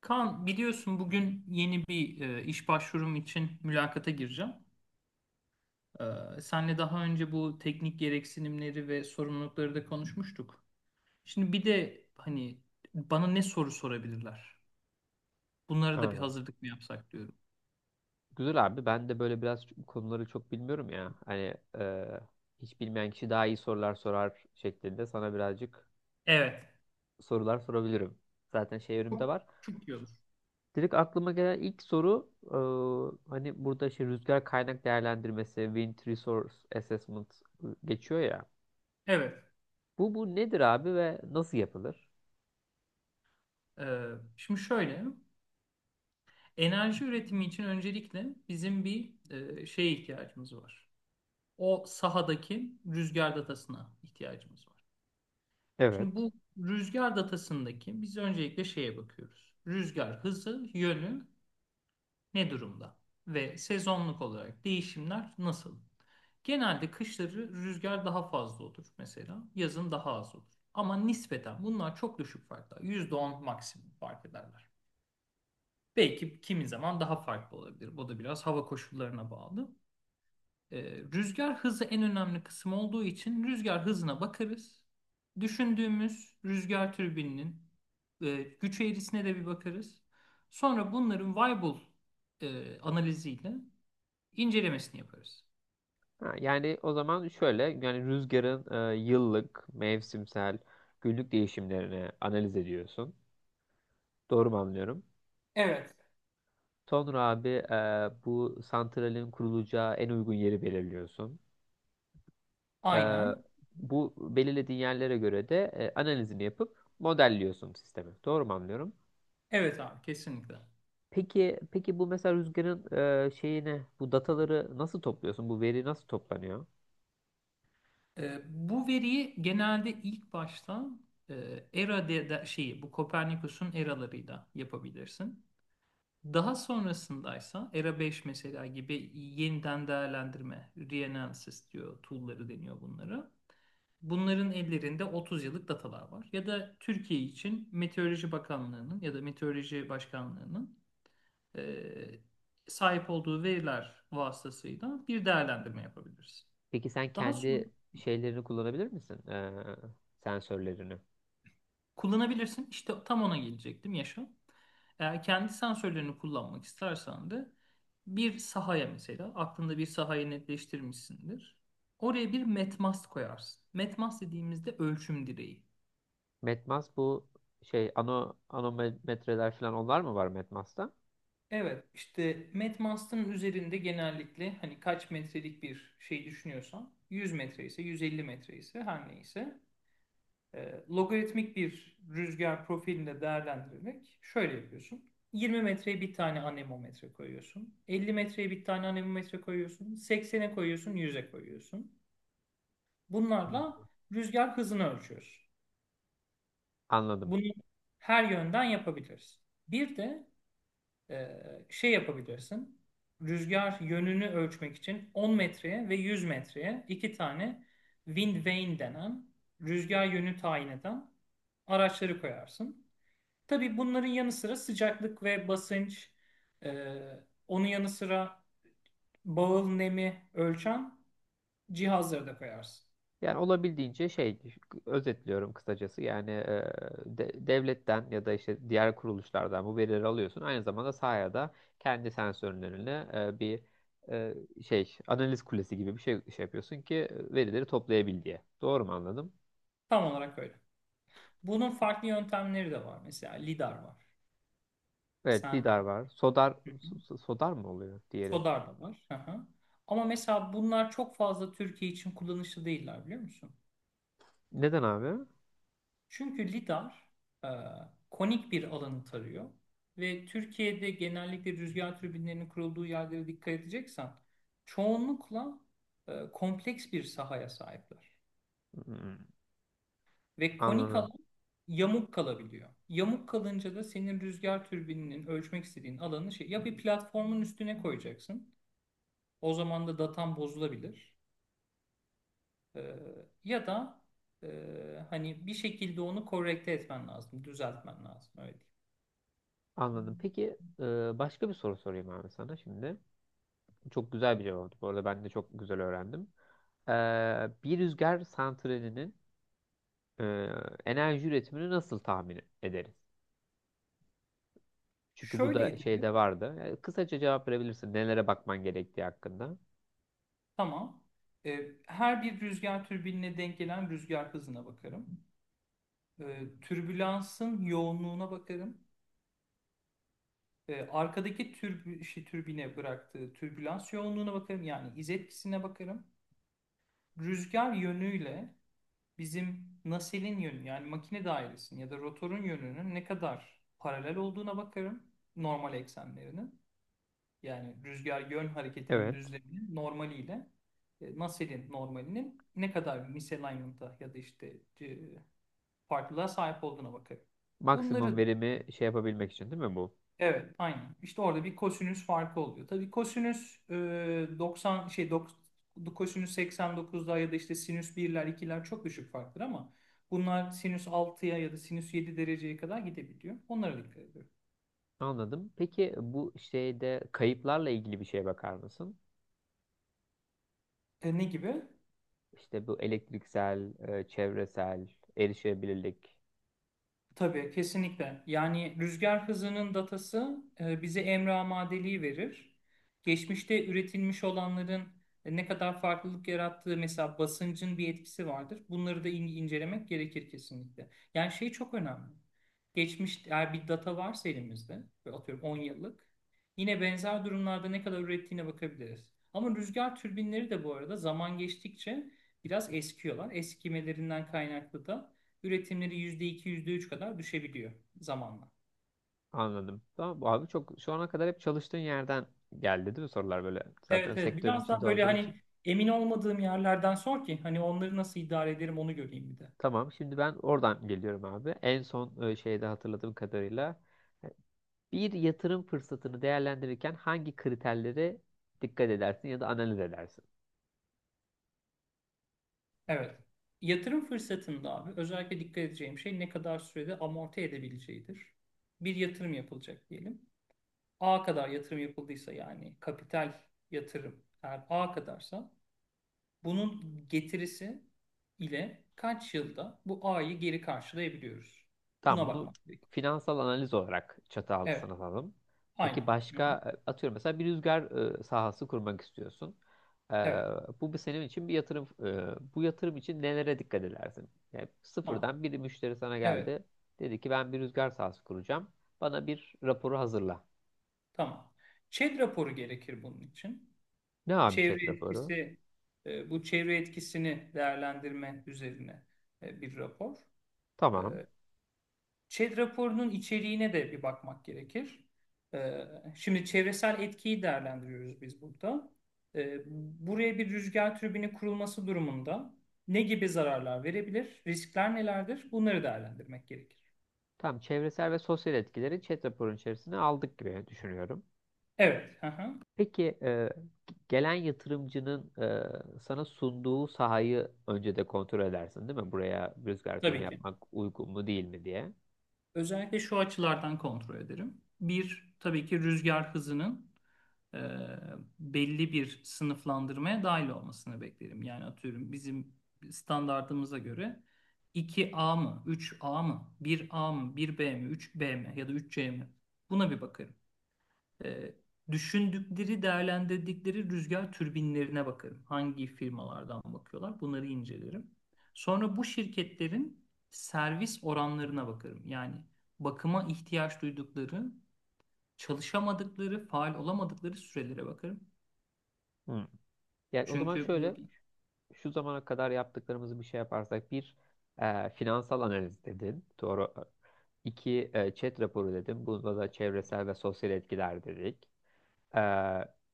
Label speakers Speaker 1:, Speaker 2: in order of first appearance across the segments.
Speaker 1: Kaan biliyorsun bugün yeni bir iş başvurum için mülakata gireceğim. Senle daha önce bu teknik gereksinimleri ve sorumlulukları da konuşmuştuk. Şimdi bir de hani bana ne soru sorabilirler? Bunlara da bir
Speaker 2: Aynen.
Speaker 1: hazırlık mı yapsak diyorum.
Speaker 2: Güzel abi. Ben de böyle biraz bu konuları çok bilmiyorum ya. Hani hiç bilmeyen kişi daha iyi sorular sorar şeklinde sana birazcık
Speaker 1: Evet.
Speaker 2: sorular sorabilirim. Zaten şey önümde
Speaker 1: Çok,
Speaker 2: var.
Speaker 1: çok iyi olur.
Speaker 2: Direkt aklıma gelen ilk soru hani burada işte rüzgar kaynak değerlendirmesi, Wind Resource Assessment geçiyor ya.
Speaker 1: Evet.
Speaker 2: Bu nedir abi ve nasıl yapılır?
Speaker 1: E, şimdi şöyle, enerji üretimi için öncelikle bizim bir şeye ihtiyacımız var. O sahadaki rüzgar datasına ihtiyacımız var. Şimdi
Speaker 2: Evet.
Speaker 1: bu rüzgar datasındaki biz öncelikle şeye bakıyoruz. Rüzgar hızı, yönü ne durumda? Ve sezonluk olarak değişimler nasıl? Genelde kışları rüzgar daha fazla olur mesela. Yazın daha az olur. Ama nispeten bunlar çok düşük farklar. %10 maksimum fark ederler. Belki kimi zaman daha farklı olabilir. Bu da biraz hava koşullarına bağlı. Ee, rüzgar hızı en önemli kısım olduğu için rüzgar hızına bakarız. Düşündüğümüz rüzgar türbininin güç eğrisine de bir bakarız. Sonra bunların Weibull analiziyle incelemesini yaparız.
Speaker 2: Ha, yani o zaman şöyle yani rüzgarın yıllık, mevsimsel, günlük değişimlerini analiz ediyorsun. Doğru mu anlıyorum?
Speaker 1: Evet.
Speaker 2: Sonra abi bu santralin kurulacağı en uygun yeri belirliyorsun. E,
Speaker 1: Aynen.
Speaker 2: bu belirlediğin yerlere göre de analizini yapıp modelliyorsun sistemi. Doğru mu anlıyorum?
Speaker 1: Evet abi kesinlikle.
Speaker 2: Peki bu mesela rüzgarın şeyini bu dataları nasıl topluyorsun? Bu veri nasıl toplanıyor?
Speaker 1: Bu veriyi genelde ilk başta şeyi bu Kopernikus'un eralarıyla yapabilirsin. Daha sonrasındaysa ERA 5 mesela gibi yeniden değerlendirme, reanalysis diyor, tool'ları deniyor bunlara. Bunların ellerinde 30 yıllık datalar var. Ya da Türkiye için Meteoroloji Bakanlığı'nın ya da Meteoroloji Başkanlığı'nın eee, sahip olduğu veriler vasıtasıyla bir değerlendirme yapabiliriz.
Speaker 2: Peki sen
Speaker 1: Daha sonra.
Speaker 2: kendi şeylerini kullanabilir misin? Sensörlerini.
Speaker 1: Kullanabilirsin. İşte tam ona gelecektim Yaşa. Eğer kendi sensörlerini kullanmak istersen de bir sahaya mesela aklında bir sahayı netleştirmişsindir. Oraya bir metmast koyarsın. Metmast dediğimizde ölçüm direği.
Speaker 2: Metmas bu şey anometreler falan onlar mı var Metmas'ta?
Speaker 1: Evet, işte metmastın üzerinde genellikle hani kaç metrelik bir şey düşünüyorsan 100 metre ise 150 metre ise her neyse logaritmik bir rüzgar profilinde değerlendirmek şöyle yapıyorsun. 20 metreye bir tane anemometre koyuyorsun. 50 metreye bir tane anemometre koyuyorsun. 80'e koyuyorsun, 100'e koyuyorsun.
Speaker 2: Hı.
Speaker 1: Bunlarla rüzgar hızını ölçüyoruz.
Speaker 2: Anladım.
Speaker 1: Bunu her yönden yapabiliriz. Bir de e, şey yapabilirsin. Rüzgar yönünü ölçmek için 10 metreye ve 100 metreye iki tane wind vane denen rüzgar yönü tayin eden araçları koyarsın. Tabii bunların yanı sıra sıcaklık ve basınç, e, onun yanı sıra bağıl nemi ölçen cihazları da koyarsın.
Speaker 2: Yani olabildiğince şey özetliyorum kısacası yani devletten ya da işte diğer kuruluşlardan bu verileri alıyorsun. Aynı zamanda sahaya da kendi sensörlerine bir e, şey analiz kulesi gibi bir şey yapıyorsun ki verileri toplayabil diye. Doğru mu anladım?
Speaker 1: Tam olarak öyle. Bunun farklı yöntemleri de var. Mesela lidar var.
Speaker 2: Evet
Speaker 1: Sen
Speaker 2: lidar var. Sodar sodar mı oluyor diğeri?
Speaker 1: sodar da var. Hı hı. Ama mesela bunlar çok fazla Türkiye için kullanışlı değiller biliyor musun?
Speaker 2: Neden abi?
Speaker 1: Çünkü lidar e, konik bir alanı tarıyor ve Türkiye'de genellikle rüzgar türbinlerinin kurulduğu yerlere dikkat edeceksen çoğunlukla kompleks bir sahaya sahipler.
Speaker 2: Hmm,
Speaker 1: Ve konik
Speaker 2: anladım.
Speaker 1: alan yamuk kalabiliyor. Yamuk kalınca da senin rüzgar türbininin ölçmek istediğin alanı ya bir platformun üstüne koyacaksın. O zaman da datan bozulabilir. E, ya da e, hani bir şekilde onu korrekte etmen lazım, düzeltmen lazım öyle diyeyim.
Speaker 2: Anladım. Peki başka bir soru sorayım abi sana şimdi. Çok güzel bir cevaptı. Bu arada ben de çok güzel öğrendim. Bir rüzgar santralinin e, enerji üretimini nasıl tahmin ederiz? Çünkü bu da
Speaker 1: Şöyle
Speaker 2: şeyde vardı. Yani kısaca cevap verebilirsin. Nelere bakman gerektiği hakkında.
Speaker 1: Tamam. Her bir rüzgar türbinine denk gelen rüzgar hızına bakarım. Türbülansın yoğunluğuna bakarım. Arkadaki türbine bıraktığı türbülans yoğunluğuna bakarım. Yani iz etkisine bakarım. Rüzgar yönüyle bizim naselin yönü yani makine dairesinin ya da rotorun yönünün ne kadar paralel olduğuna bakarım. Normal eksenlerinin. Yani rüzgar yön hareketinin
Speaker 2: Evet.
Speaker 1: düzleminin normaliyle Nusselt'in normalinin ne kadar misalignment'a ya da işte farklılığa sahip olduğuna bakarım.
Speaker 2: Maksimum
Speaker 1: Bunları
Speaker 2: verimi şey yapabilmek için değil mi bu?
Speaker 1: evet aynen. İşte orada bir kosinüs farkı oluyor. Tabii kosinüs 90 kosinüs 89'da ya da işte sinüs birler ikiler çok düşük farktır ama bunlar sinüs 6'ya ya da sinüs 7 dereceye kadar gidebiliyor. Onlara dikkat ediyorum.
Speaker 2: Anladım. Peki bu şeyde kayıplarla ilgili bir şeye bakar mısın?
Speaker 1: Ne gibi?
Speaker 2: İşte bu elektriksel, çevresel, erişebilirlik.
Speaker 1: Tabii kesinlikle. Yani rüzgar hızının datası bize emre amadeliği verir. Geçmişte üretilmiş olanların ne kadar farklılık yarattığı mesela basıncın bir etkisi vardır. Bunları da incelemek gerekir kesinlikle. Yani şey çok önemli. Geçmiş eğer bir data varsa elimizde ve atıyorum 10 yıllık yine benzer durumlarda ne kadar ürettiğine bakabiliriz. Ama rüzgar türbinleri de bu arada zaman geçtikçe biraz eskiyorlar. Eskimelerinden kaynaklı da üretimleri %2 yüzde üç kadar düşebiliyor zamanla.
Speaker 2: Anladım. Tamam abi çok şu ana kadar hep çalıştığın yerden geldi değil mi sorular böyle zaten
Speaker 1: Evet evet
Speaker 2: sektörün
Speaker 1: biraz daha
Speaker 2: içinde
Speaker 1: böyle
Speaker 2: olduğu için.
Speaker 1: hani emin olmadığım yerlerden sor ki hani onları nasıl idare ederim onu göreyim bir de.
Speaker 2: Tamam şimdi ben oradan geliyorum abi. En son şeyde hatırladığım kadarıyla e, bir yatırım fırsatını değerlendirirken hangi kriterlere dikkat edersin ya da analiz edersin?
Speaker 1: Evet. Yatırım fırsatında abi özellikle dikkat edeceğim şey ne kadar sürede amorti edebileceğidir. Bir yatırım yapılacak diyelim. A kadar yatırım yapıldıysa yani kapital yatırım eğer A kadarsa bunun getirisi ile kaç yılda bu A'yı geri karşılayabiliyoruz?
Speaker 2: Tamam
Speaker 1: Buna
Speaker 2: bunu
Speaker 1: bakmak gerekiyor.
Speaker 2: finansal analiz olarak çatı
Speaker 1: Evet,
Speaker 2: altına alalım. Peki
Speaker 1: aynen. Hı
Speaker 2: başka
Speaker 1: hı.
Speaker 2: atıyorum mesela bir rüzgar sahası kurmak istiyorsun. E,
Speaker 1: Evet,
Speaker 2: bu bir senin için bir yatırım. Bu yatırım için nelere dikkat edersin? Yani
Speaker 1: tamam.
Speaker 2: sıfırdan bir müşteri sana
Speaker 1: Evet,
Speaker 2: geldi. Dedi ki ben bir rüzgar sahası kuracağım. Bana bir raporu hazırla.
Speaker 1: tamam. ÇED raporu gerekir bunun için.
Speaker 2: Ne abi chat
Speaker 1: Çevre
Speaker 2: raporu?
Speaker 1: etkisi, bu çevre etkisini değerlendirme üzerine bir rapor. E,
Speaker 2: Tamam.
Speaker 1: ÇED raporunun içeriğine de bir bakmak gerekir. E, Şimdi çevresel etkiyi değerlendiriyoruz biz burada. E, Buraya bir rüzgar türbini kurulması durumunda ne gibi zararlar verebilir, riskler nelerdir? Bunları değerlendirmek gerekir.
Speaker 2: Tamam çevresel ve sosyal etkileri chat raporun içerisine aldık gibi düşünüyorum.
Speaker 1: Evet, hı hı.
Speaker 2: Peki gelen yatırımcının sana sunduğu sahayı önce de kontrol edersin değil mi? Buraya rüzgar türbini
Speaker 1: Tabii ki.
Speaker 2: yapmak uygun mu değil mi diye.
Speaker 1: Özellikle şu açılardan kontrol ederim. Bir, tabii ki rüzgar hızının e, belli bir sınıflandırmaya dahil olmasını beklerim. Yani atıyorum bizim standartımıza göre iki a mı, üç a mı, bir a mı, bir b mi, üç b mi ya da üç c mi? Buna bir bakarım. E, düşündükleri, değerlendirdikleri rüzgar türbinlerine bakarım. Hangi firmalardan bakıyorlar, bunları incelerim. Sonra bu şirketlerin servis oranlarına bakarım. Yani bakıma ihtiyaç duydukları, çalışamadıkları, faal olamadıkları sürelere bakarım.
Speaker 2: Hı. Yani o zaman
Speaker 1: Çünkü burada
Speaker 2: şöyle şu zamana kadar yaptıklarımızı bir şey yaparsak bir finansal analiz dedin. Doğru. İki chat raporu dedim. Bunda da çevresel ve sosyal etkiler dedik. E,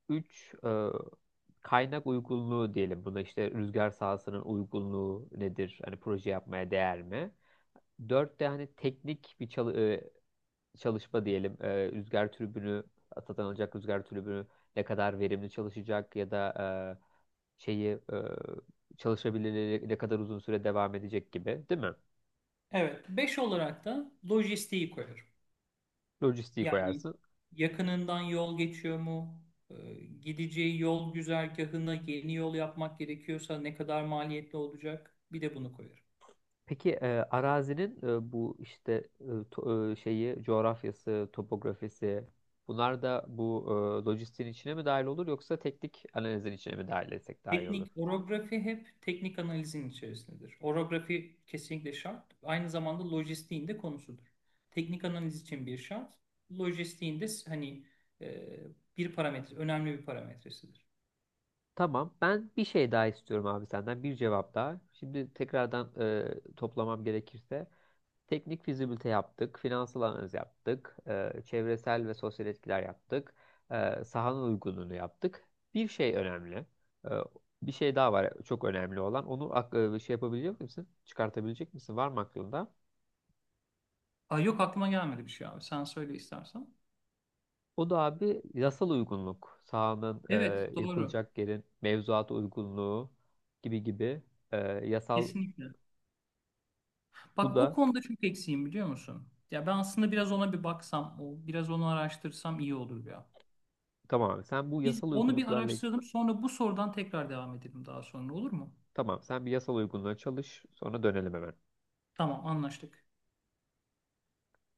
Speaker 2: üç kaynak uygunluğu diyelim. Buna işte rüzgar sahasının uygunluğu nedir? Hani proje yapmaya değer mi? Dört de hani teknik bir çalışma diyelim. E, rüzgar türbünü satın alacak rüzgar türbünü ne kadar verimli çalışacak ya da e, şeyi çalışabilirliği ne kadar uzun süre devam edecek gibi, değil mi?
Speaker 1: Evet, beş olarak da lojistiği koyarım.
Speaker 2: Lojistiği
Speaker 1: Yani
Speaker 2: koyarsın.
Speaker 1: yakınından yol geçiyor mu? Ee, Gideceği yol güzergahına yeni yol yapmak gerekiyorsa ne kadar maliyetli olacak? Bir de bunu koyarım.
Speaker 2: Peki arazinin bu işte şeyi coğrafyası, topografisi bunlar da bu lojistiğin içine mi dahil olur yoksa teknik analizin içine mi dahil etsek daha iyi olur?
Speaker 1: Teknik orografi hep teknik analizin içerisindedir. Orografi kesinlikle şart. Aynı zamanda lojistiğin de konusudur. Teknik analiz için bir şart. Lojistiğin de hani e, bir parametre, önemli bir parametresidir.
Speaker 2: Tamam. Ben bir şey daha istiyorum abi senden. Bir cevap daha. Şimdi tekrardan toplamam gerekirse. Teknik fizibilite yaptık. Finansal analiz yaptık. Çevresel ve sosyal etkiler yaptık. Sahanın uygunluğunu yaptık. Bir şey önemli. E, Bir şey daha var çok önemli olan. Onu şey yapabilecek misin? Çıkartabilecek misin? Var mı aklında?
Speaker 1: Aa, yok aklıma gelmedi bir şey abi. Sen söyle istersen.
Speaker 2: O da abi yasal uygunluk. Sahanın
Speaker 1: Evet, doğru.
Speaker 2: yapılacak yerin mevzuata uygunluğu gibi gibi e, yasal
Speaker 1: Kesinlikle.
Speaker 2: bu
Speaker 1: Bak o
Speaker 2: da.
Speaker 1: konuda çok eksiğim biliyor musun? Ya ben aslında biraz ona bir baksam, o biraz onu araştırsam iyi olur ya.
Speaker 2: Tamam abi sen bu
Speaker 1: Biz
Speaker 2: yasal
Speaker 1: onu bir
Speaker 2: uygunluklarla
Speaker 1: araştıralım, sonra bu sorudan tekrar devam edelim daha sonra olur mu?
Speaker 2: tamam sen bir yasal uygunluğa çalış sonra dönelim hemen.
Speaker 1: Tamam, anlaştık.